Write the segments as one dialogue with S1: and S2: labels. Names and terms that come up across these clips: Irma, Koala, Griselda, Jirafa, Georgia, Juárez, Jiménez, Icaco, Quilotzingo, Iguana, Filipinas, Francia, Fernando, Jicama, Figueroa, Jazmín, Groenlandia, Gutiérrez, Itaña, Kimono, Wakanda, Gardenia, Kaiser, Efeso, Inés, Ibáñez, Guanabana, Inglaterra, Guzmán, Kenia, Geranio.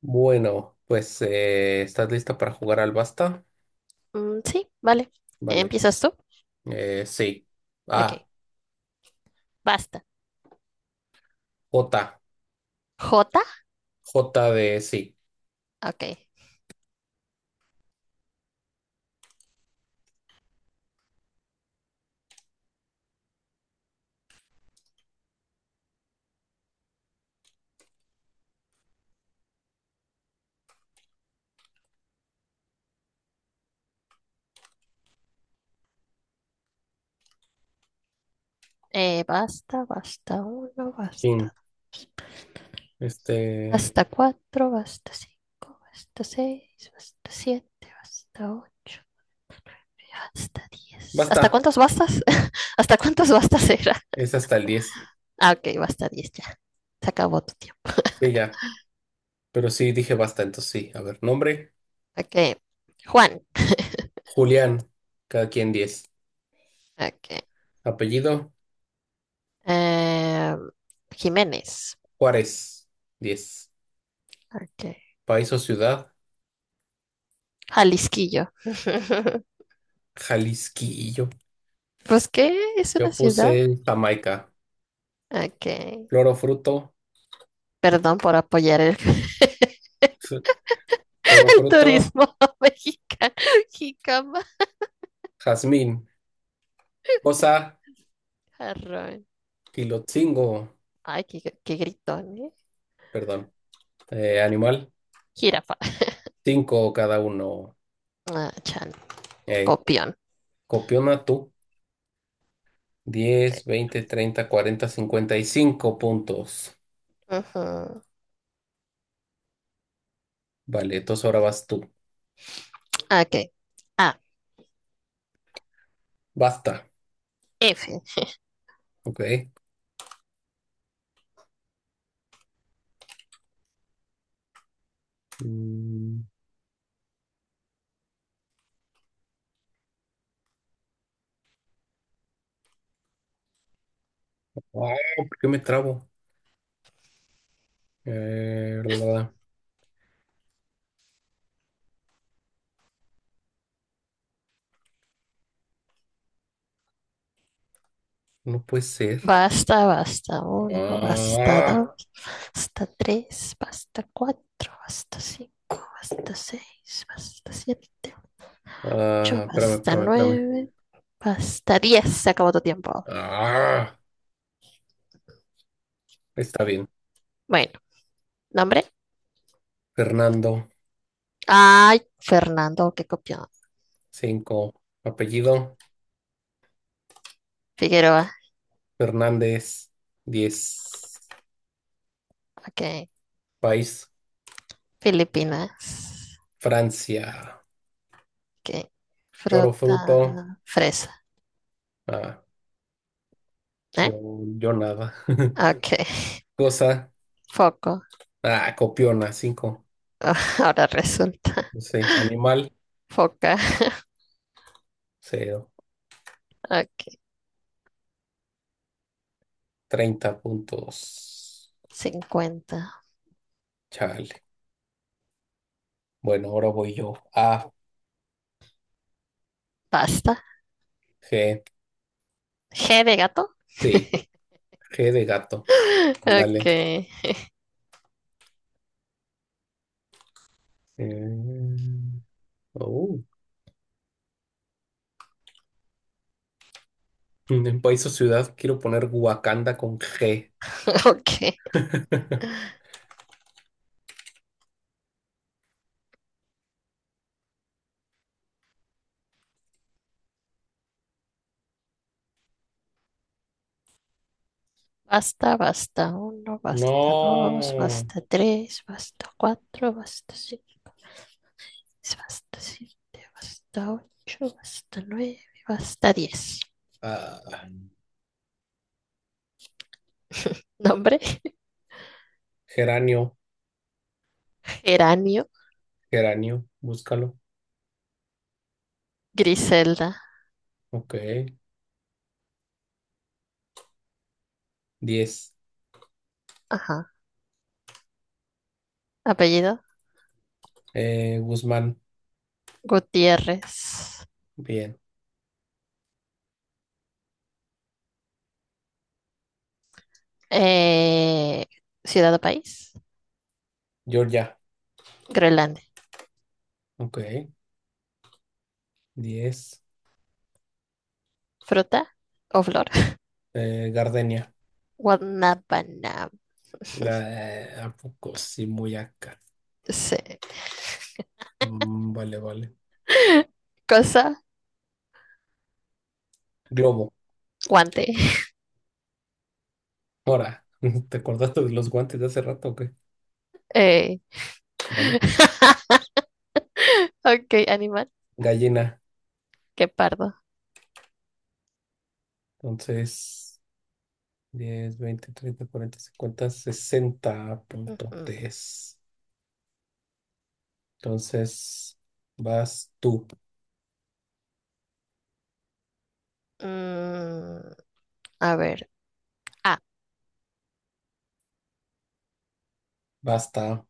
S1: Bueno, pues ¿estás lista para jugar al basta?
S2: Mm, sí, vale.
S1: Vale.
S2: ¿Empiezas tú?
S1: Sí.
S2: Ok.
S1: Ah,
S2: Basta.
S1: J.
S2: ¿J?
S1: J de sí.
S2: Ok. Basta, basta uno,
S1: Fin.
S2: basta.
S1: Este.
S2: Basta cuatro, basta cinco, basta seis, basta siete, basta ocho, hasta diez. ¿Hasta
S1: Basta.
S2: cuántos bastas? ¿Hasta cuántos bastas era?
S1: Es hasta el 10.
S2: Ah, ok, basta diez ya. Se acabó tu tiempo.
S1: Sí, ya. Pero sí dije basta, entonces sí. A ver, nombre.
S2: Ok. Juan.
S1: Julián. Cada quien 10.
S2: Ok.
S1: Apellido.
S2: Eh, Jiménez.
S1: Juárez. 10.
S2: Ok.
S1: País o ciudad.
S2: Jalisquillo.
S1: Jalisquillo.
S2: Pues, ¿qué? Es
S1: Yo
S2: una ciudad.
S1: puse Jamaica.
S2: Ok.
S1: Flor o fruto.
S2: Perdón por apoyar el,
S1: Flor o
S2: el
S1: fruto.
S2: turismo mexicano. Jicama,
S1: Jazmín. Cosa.
S2: jarrón.
S1: Quilotzingo.
S2: Ay, qué gritón, ¿eh?
S1: Perdón, animal,
S2: Jirafa.
S1: cinco cada uno.
S2: Ah, chan.
S1: Eh,
S2: Copión.
S1: Copiona tú, 10,
S2: Ok.
S1: 20, 30, 40, 55 puntos.
S2: Ujú.
S1: Vale, entonces ahora vas tú.
S2: Ok. A.
S1: Basta,
S2: F.
S1: ok. Mm, ah, ¿Por qué me trabo? Eh, la- no puede ser.
S2: Basta, basta uno, basta
S1: Ah,
S2: dos, basta tres, basta cuatro, basta cinco, basta seis, basta siete, ocho,
S1: Espérame,
S2: basta
S1: espérame, espérame.
S2: nueve, basta diez. Se acabó tu tiempo.
S1: Ah, Está bien.
S2: Bueno, nombre.
S1: Fernando.
S2: Ay, Fernando, qué copión.
S1: Cinco. Apellido,
S2: Figueroa,
S1: Fernández. 10.
S2: ok.
S1: País,
S2: Filipinas,
S1: Francia.
S2: ok.
S1: Lloro
S2: Fruta,
S1: fruto.
S2: fresa,
S1: Ah, yo,
S2: ¿eh?
S1: yo nada.
S2: Ok.
S1: Cosa.
S2: Foco,
S1: Copiona, cinco.
S2: ahora resulta.
S1: No sé. Animal,
S2: Foca,
S1: cero.
S2: ok.
S1: 30 puntos.
S2: Cincuenta.
S1: Chale. Bueno, ahora voy yo. A,
S2: Pasta.
S1: G.
S2: G de gato.
S1: Sí, G de gato.
S2: Ok,
S1: Dale. En país o ciudad quiero poner Wakanda con G.
S2: ok. Basta, basta uno, basta dos,
S1: No.
S2: basta tres, basta cuatro, basta cinco, seis, basta siete, basta ocho, basta nueve, basta diez.
S1: Ah,
S2: Nombre,
S1: Geranio,
S2: geranio,
S1: geranio. Búscalo.
S2: Griselda,
S1: Ok. 10.
S2: ajá. Apellido,
S1: Guzmán.
S2: Gutiérrez.
S1: Bien.
S2: Eh, ciudad o país,
S1: Georgia.
S2: Groenlandia.
S1: Ok. Diez.
S2: Fruta o flor,
S1: Gardenia.
S2: Guanabana.
S1: ¿A poco sí, muy acá?
S2: Sí.
S1: Mm, vale, vale.
S2: Cosa,
S1: Globo.
S2: guante.
S1: Ahora, ¿te acordaste de los guantes de hace rato o qué?
S2: Eh.
S1: Vale.
S2: Ok, animal,
S1: Gallina.
S2: que pardo.
S1: Entonces, 10, 20, treinta, cuarenta, cincuenta, 60 punto
S2: Ujú.
S1: tres. Entonces, vas tú.
S2: Mm, a ver. Ah,
S1: Basta.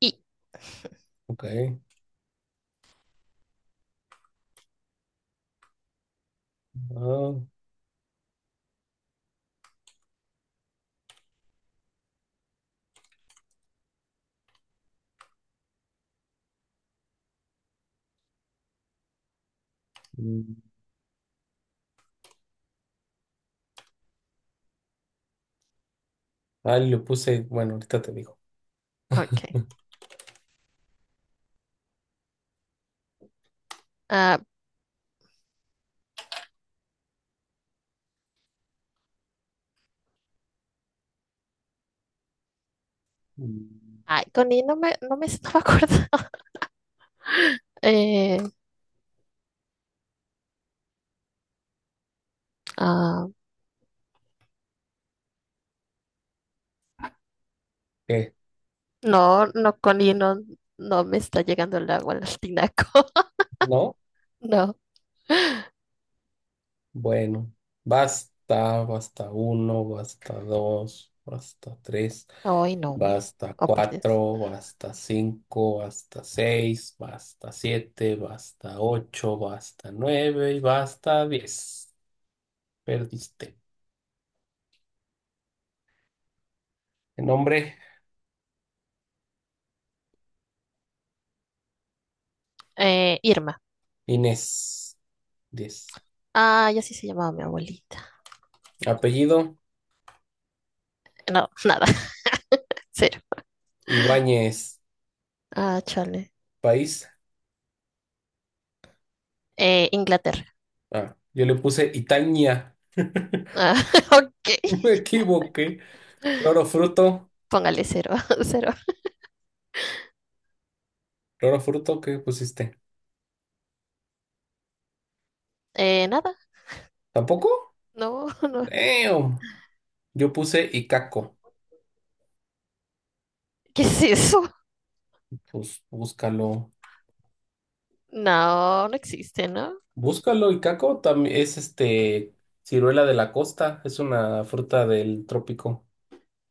S2: y
S1: Ok. Ah, mm, Le puse, bueno, ahorita te digo.
S2: ok. Ah,
S1: Mm,
S2: ay, con I no me estaba acordando. Eh, ah,
S1: ¿Qué?
S2: no, con no, no me está llegando el agua al tinaco.
S1: ¿No?
S2: No,
S1: Bueno, basta, basta uno, basta dos, basta tres,
S2: hoy no.
S1: basta
S2: Oh, por Dios.
S1: cuatro, basta cinco, basta seis, basta siete, basta ocho, basta nueve y basta 10. Perdiste. Nombre,
S2: Irma.
S1: Inés. 10.
S2: Ah, ya sí se llamaba mi abuelita.
S1: Apellido,
S2: No, nada, cero.
S1: Ibáñez.
S2: Ah, chale.
S1: País,
S2: Inglaterra.
S1: yo le puse Itaña.
S2: Ah, ok,
S1: Me equivoqué. Roro fruto,
S2: póngale cero, cero.
S1: roro fruto, ¿qué pusiste?
S2: Nada,
S1: ¿Tampoco?
S2: no, no.
S1: Damn. Yo puse Icaco.
S2: ¿Qué es eso?
S1: Pues búscalo.
S2: No, no existe, ¿no?
S1: Búscalo, Icaco. También es ciruela de la costa. Es una fruta del trópico.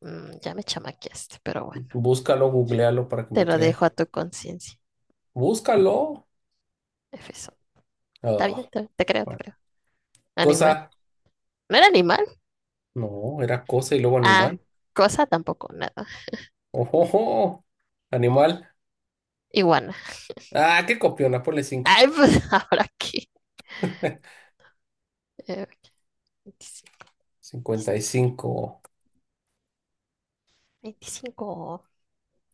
S2: Mm, ya me chamaqueaste, pero bueno,
S1: Búscalo, googlealo para que
S2: te
S1: me
S2: lo
S1: creas.
S2: dejo a tu conciencia.
S1: Búscalo.
S2: Efeso.
S1: Oh,
S2: Está bien, te creo, te
S1: bueno.
S2: creo. Animal.
S1: Cosa.
S2: ¿No era animal?
S1: No, era cosa y luego
S2: Ah,
S1: animal.
S2: cosa tampoco, nada.
S1: Ojo, animal.
S2: Iguana.
S1: Qué copiona, ponle cinco.
S2: Ay, pues ahora aquí. Eh, 25.
S1: cincuenta y
S2: Listo.
S1: cinco,
S2: 25.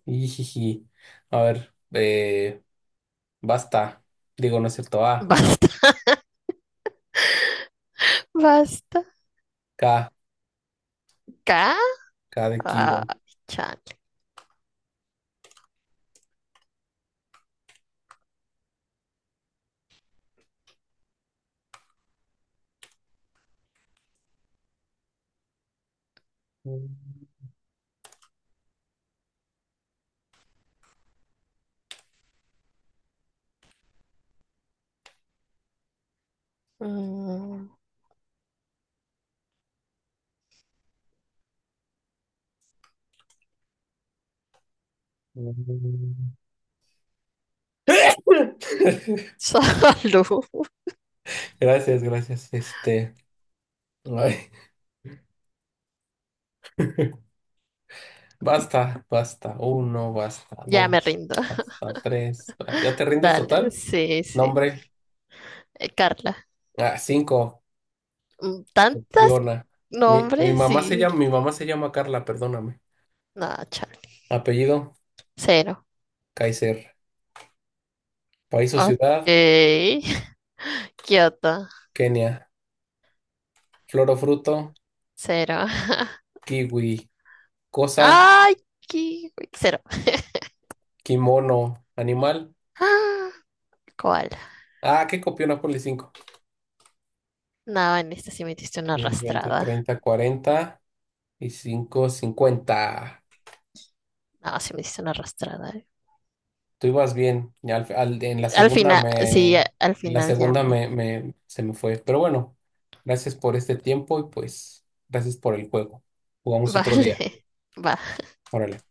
S1: Ijiji. A ver, basta. Digo, no es cierto. A,
S2: Basta, basta.
S1: K.
S2: Acá.
S1: K de kilo.
S2: Ah, chale. Mm, salud.
S1: Gracias, gracias. Ay, basta, basta uno, basta
S2: Ya me
S1: dos,
S2: rindo.
S1: basta tres. ¿Ya te rindes
S2: Dale,
S1: total?
S2: sí, sí.
S1: Nombre.
S2: Carla.
S1: Cinco.
S2: Mm, tantas
S1: Piona. Mi
S2: nombres
S1: mamá se
S2: y.
S1: llama, mi mamá se llama Carla, perdóname.
S2: No, chale.
S1: Apellido,
S2: Cero.
S1: Kaiser. País o
S2: Ok.
S1: ciudad,
S2: Kioto.
S1: Kenia. Flor o fruto,
S2: Cero.
S1: kiwi. Cosa,
S2: ¡Ay! Qué- Cero.
S1: kimono. Animal.
S2: Ah, koala.
S1: Qué copiona, ponle cinco.
S2: No, en esta sí me diste una
S1: 10, 20,
S2: arrastrada.
S1: 30, cuarenta y cinco, 50.
S2: No, sí me diste una arrastrada, eh.
S1: Tú ibas bien. Y en la
S2: Al
S1: segunda
S2: final, sí, a-
S1: me,
S2: al
S1: en la
S2: final ya
S1: segunda
S2: me.
S1: me, me- se me fue. Pero bueno, gracias por este tiempo y pues gracias por el juego. Jugamos otro
S2: Vale,
S1: día.
S2: va.
S1: Órale.